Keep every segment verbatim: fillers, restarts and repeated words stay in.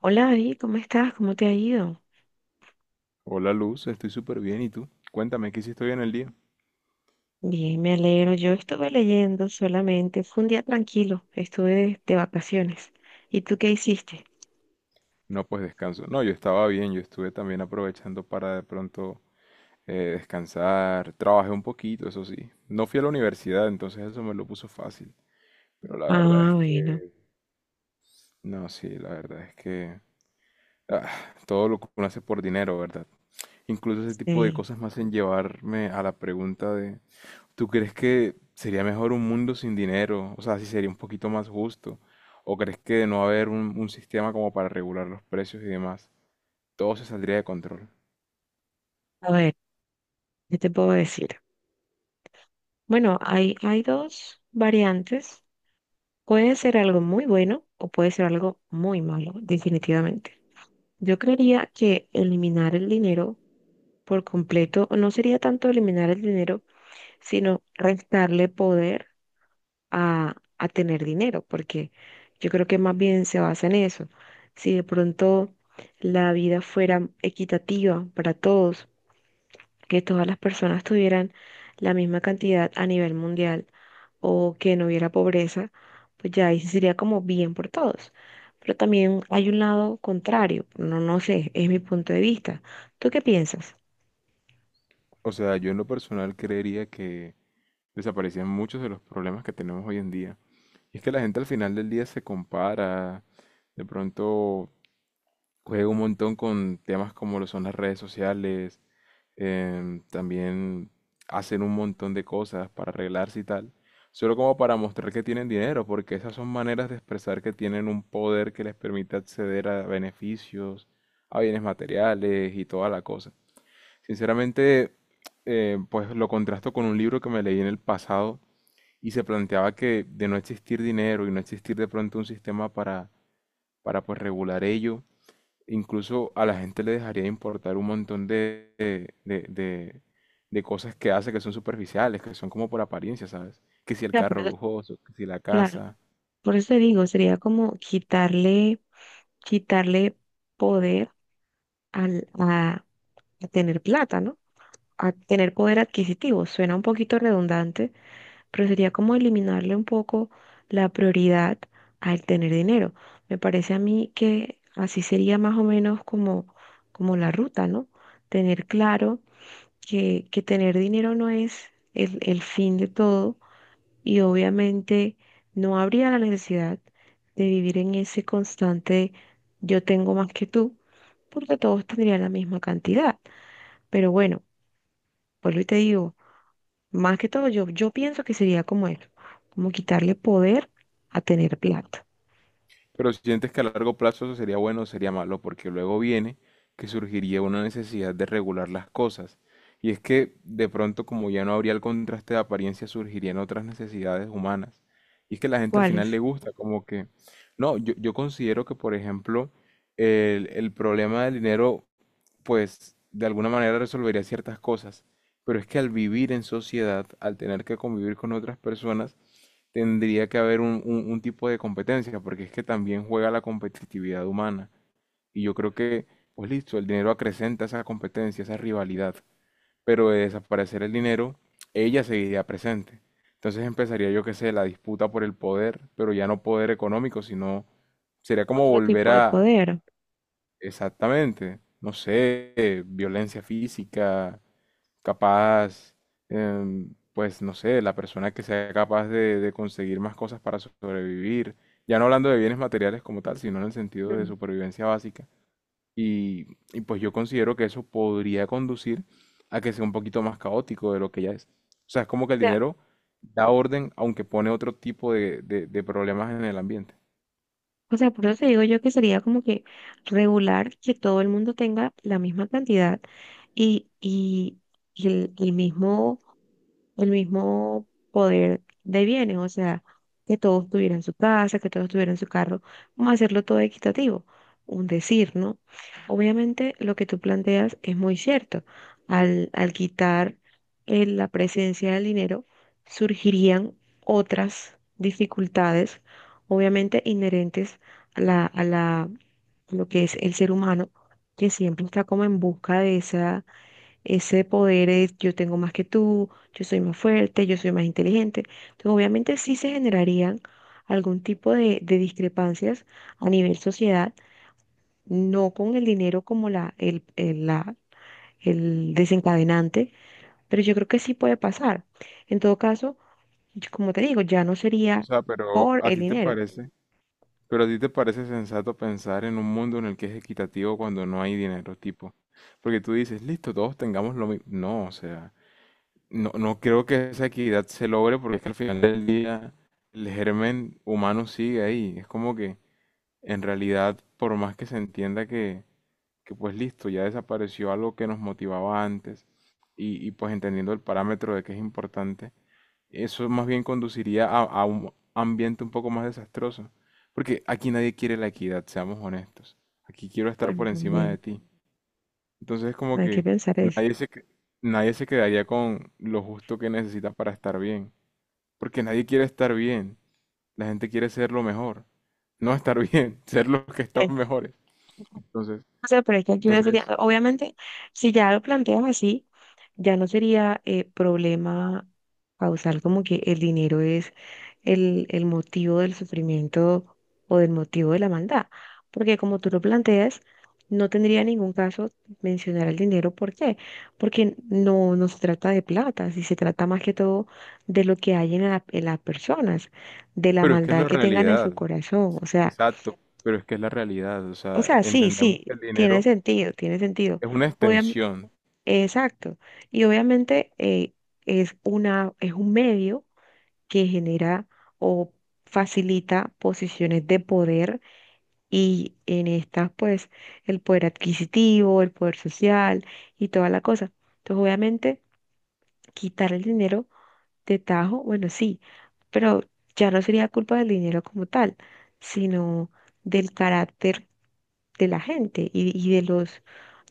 Hola David, ¿cómo estás? ¿Cómo te ha ido? Hola Luz, estoy súper bien. ¿Y tú? Cuéntame, ¿qué hiciste hoy en el día? Bien, me alegro. Yo estuve leyendo solamente. Fue un día tranquilo. Estuve de, de vacaciones. ¿Y tú qué hiciste? No, pues descanso. No, yo estaba bien, yo estuve también aprovechando para de pronto eh, descansar. Trabajé un poquito, eso sí. No fui a la universidad, entonces eso me lo puso fácil. Pero la verdad Ah, es que... bueno. No, sí, la verdad es que... ah, todo lo que uno hace por dinero, ¿verdad? Incluso ese tipo de Sí. cosas me hacen llevarme a la pregunta de... ¿Tú crees que sería mejor un mundo sin dinero? O sea, si sería un poquito más justo. ¿O crees que de no haber un, un sistema como para regular los precios y demás, todo se saldría de control? A ver, ¿qué te puedo decir? Bueno, hay, hay dos variantes. Puede ser algo muy bueno o puede ser algo muy malo, definitivamente. Yo creería que eliminar el dinero por completo no sería tanto eliminar el dinero, sino restarle poder a, a tener dinero, porque yo creo que más bien se basa en eso. Si de pronto la vida fuera equitativa para todos, que todas las personas tuvieran la misma cantidad a nivel mundial o que no hubiera pobreza, pues ya ahí sí sería como bien por todos. Pero también hay un lado contrario, no, no sé, es mi punto de vista. ¿Tú qué piensas? O sea, yo en lo personal creería que desaparecían muchos de los problemas que tenemos hoy en día. Y es que la gente al final del día se compara, de pronto juego un montón con temas como lo son las redes sociales, em, también hacen un montón de cosas para arreglarse y tal, solo como para mostrar que tienen dinero, porque esas son maneras de expresar que tienen un poder que les permite acceder a beneficios, a bienes materiales y toda la cosa. Sinceramente, eh, pues lo contrasto con un libro que me leí en el pasado y se planteaba que de no existir dinero y no existir de pronto un sistema para, para pues regular ello, incluso a la gente le dejaría de importar un montón de, de- de- de- de cosas que hace que son superficiales, que son como por apariencia, ¿sabes? Que si O el sea, por carro eso, lujoso, que si la claro, casa. por eso te digo, sería como quitarle, quitarle poder al, a, a tener plata, ¿no? A tener poder adquisitivo. Suena un poquito redundante, pero sería como eliminarle un poco la prioridad al tener dinero. Me parece a mí que así sería más o menos como, como la ruta, ¿no? Tener claro que, que tener dinero no es el, el fin de todo y obviamente no habría la necesidad de vivir en ese constante yo tengo más que tú, porque todos tendrían la misma cantidad. Pero bueno. Vuelvo y te digo, más que todo, yo, yo pienso que sería como eso, como quitarle poder a tener plata. Pero si sientes que a largo plazo eso sería bueno o sería malo, porque luego viene que surgiría una necesidad de regular las cosas. Y es que de pronto, como ya no habría el contraste de apariencia, surgirían otras necesidades humanas. Y es que la gente al ¿Cuál es? final le gusta, como que... No, yo, yo considero que, por ejemplo, el, el problema del dinero pues de alguna manera resolvería ciertas cosas. Pero es que al vivir en sociedad, al tener que convivir con otras personas, tendría que haber un, un- un tipo de competencia, porque es que también juega la competitividad humana. Y yo creo que, pues listo, el dinero acrecenta esa competencia, esa rivalidad, pero de desaparecer el dinero, ella seguiría presente. Entonces empezaría, yo qué sé, la disputa por el poder, pero ya no poder económico, sino sería como Otro volver tipo de a, poder. exactamente, no sé, eh, violencia física, capaz, em, pues no sé, la persona que sea capaz de, de conseguir más cosas para so- sobrevivir, ya no hablando de bienes materiales como tal, sino en el sentido Mm. de O supervivencia básica. Y, y pues yo considero que eso podría conducir a que sea un poquito más caótico de lo que ya es. O sea, es como que el sea, dinero da orden, aunque pone otro tipo de, de de problemas en el ambiente. o sea, por eso te digo yo que sería como que regular que todo el mundo tenga la misma cantidad y, y, y el, el mismo el mismo poder de bienes, o sea, que todos tuvieran su casa, que todos tuvieran su carro, vamos a hacerlo todo equitativo, un decir, ¿no? Obviamente lo que tú planteas es muy cierto, al, al quitar eh, la presencia del dinero, surgirían otras dificultades, obviamente inherentes a la, a la, a lo que es el ser humano, que siempre está como en busca de esa ese poder es yo tengo más que tú, yo soy más fuerte, yo soy más inteligente. Entonces, obviamente sí se generarían algún tipo de, de discrepancias a nivel sociedad, no con el dinero como la, el, el- la, el desencadenante, pero yo creo que sí puede pasar. En todo caso, yo- como te digo, ya no O sería sea, pero por ¿a el ti te dinero. parece? Pero a ti te parece sensato pensar en un mundo en el que es equitativo cuando no hay dinero, tipo. Porque tú dices, listo, todos tengamos lo mismo. No, o sea, no, no creo que esa equidad se logre porque es que al final del día el germen humano sigue ahí. Es como que en realidad, por más que se entienda que, que pues listo, ya desapareció algo que nos motivaba antes y, y pues entendiendo el parámetro de que es importante eso más bien conduciría a, a un ambiente un poco más desastroso. Porque aquí nadie quiere la equidad, seamos honestos. Aquí quiero estar Bueno, por encima también de ti. Entonces es como hay que que pensar eso. nadie se, que- nadie se quedaría con lo justo que necesita para estar bien. Porque nadie quiere estar bien. La gente quiere ser lo mejor. No estar bien, ser los que están mejores. Entonces, O sea, pero es que aquí no sería, entonces, obviamente, si ya lo planteas así, ya no sería eh, problema causar como que el dinero es el, el motivo del sufrimiento o del motivo de la maldad. Porque como tú lo planteas, no tendría ningún caso mencionar el dinero. ¿Por qué? Porque no, no se trata de plata, si se trata más que todo de lo que hay en la- en las personas, de la Pero es que es maldad la que tengan en realidad. su corazón. O sea, exacto. Pero es que es la realidad. O o sea, sea, sí, entendemos sí, que el tiene dinero sentido, tiene sentido. es una Obviam- extensión. exacto. Y obviamente eh, es una, es un medio que genera o facilita posiciones de poder y en estas pues el poder adquisitivo, el poder social y toda la cosa. Entonces, obviamente, quitar el dinero de tajo, bueno, sí, pero ya no sería culpa del dinero como tal, sino del carácter de la gente y, y de los,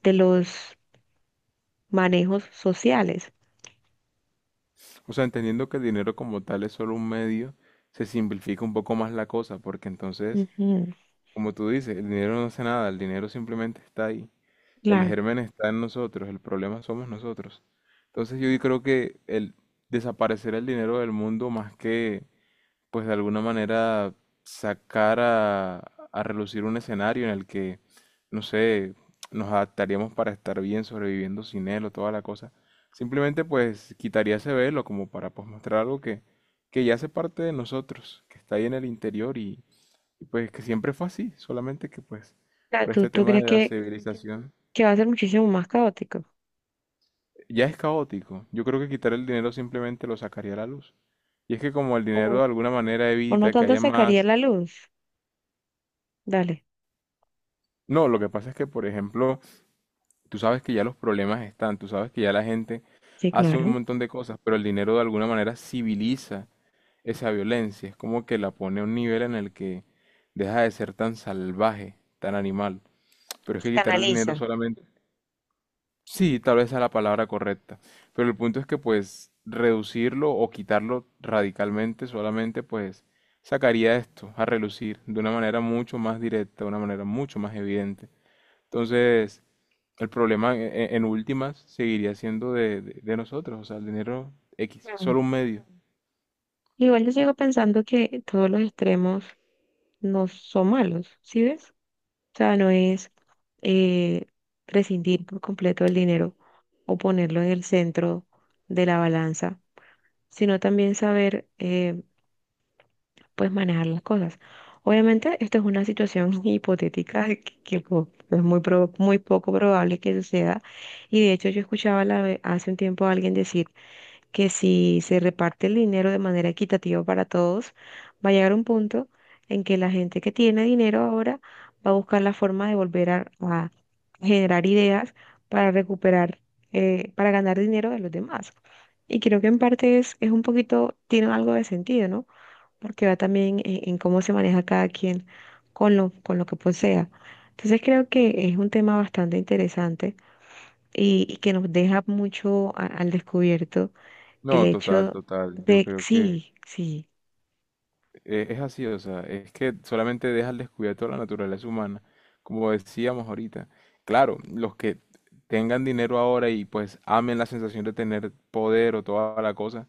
de los manejos sociales. O sea, entendiendo que el dinero como tal es solo un medio, se simplifica un poco más la cosa, porque entonces, Ujú, como tú dices, el dinero no hace nada, el dinero simplemente está ahí. El claro. germen está en nosotros, el problema somos nosotros. Entonces yo creo que el desaparecer el dinero del mundo más que pues de alguna manera sacar a, a relucir un escenario en el que, no sé, nos adaptaríamos para estar bien sobreviviendo sin él o toda la cosa. Simplemente pues quitaría ese velo como para pues mostrar algo que, que ya hace parte de nosotros, que está ahí en el interior y, y, pues que siempre fue así, solamente que pues Claro, por ¿Tú, este tú tema crees de la que, civilización que va a ser muchísimo más caótico? ya es caótico. Yo creo que quitar el dinero simplemente lo sacaría a la luz. Y es que como el ¿O, dinero de alguna manera o no evita que tanto haya sacaría más... la luz? Dale. No, lo que pasa es que, por ejemplo, tú sabes que ya los problemas están, tú sabes que ya la gente Sí, hace un claro. montón de cosas, pero el dinero de alguna manera civiliza esa violencia, es como que la pone a un nivel en el que deja de ser tan salvaje, tan animal. Pero es Se que quitar el dinero canaliza. solamente... Sí, tal vez sea la palabra correcta, pero el punto es que pues reducirlo o quitarlo radicalmente solamente pues sacaría esto a relucir de una manera mucho más directa, de una manera mucho más evidente. Entonces... El problema e- en últimas seguiría siendo de, de- de nosotros, o sea, el dinero X, Mm. solo un medio. Igual yo sigo pensando que todos los extremos no son malos, ¿sí ves? O sea, no es eh, prescindir por completo del dinero o ponerlo en el centro de la balanza, sino también saber eh, puedes manejar las cosas. Obviamente, esto es una situación hipotética que, que co- es muy, prob- muy poco probable que suceda. Y de hecho, yo escuchaba la ve- hace un tiempo a alguien decir que si se reparte el dinero de manera equitativa para todos, va a llegar un punto en que la gente que tiene dinero ahora va a buscar la forma de volver a, a generar ideas para recuperar, eh, para ganar dinero de los demás. Y creo que en parte es, es un poquito, tiene algo de sentido, ¿no? Porque va también en, en cómo se maneja cada quien con lo, con lo que posea. Entonces creo que es un tema bastante interesante y, y que nos deja mucho a- al descubierto el No, total, hecho total, yo de, creo que sí, sí, eh, es así, o sea, es que solamente deja al descubierto la naturaleza humana, como decíamos ahorita. Claro, los que tengan dinero ahora y pues amen la sensación de tener poder o toda la cosa,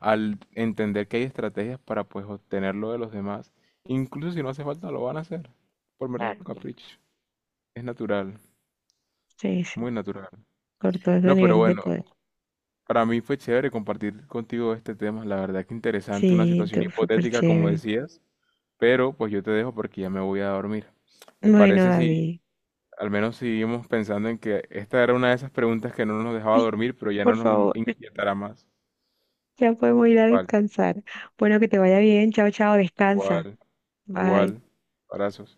al entender que hay estrategias para pues obtenerlo de los demás, incluso si no hace falta lo van a hacer, por mero claro, capricho, es natural, sí, sí, muy natural. por todos los No, pero niveles de bueno, poder. para mí fue chévere compartir contigo este tema, la verdad que interesante, una Sí, situación tú, súper hipotética como chévere. decías, pero pues yo te dejo porque ya me voy a dormir. ¿Te Bueno, parece si David, al menos seguimos pensando en que esta era una de esas preguntas que no nos dejaba dormir, pero ya no por nos in- favor, inquietará más? ya podemos ir a Vale, descansar. Bueno, que te vaya bien, chao, chao, descansa, igual, bye. igual, abrazos.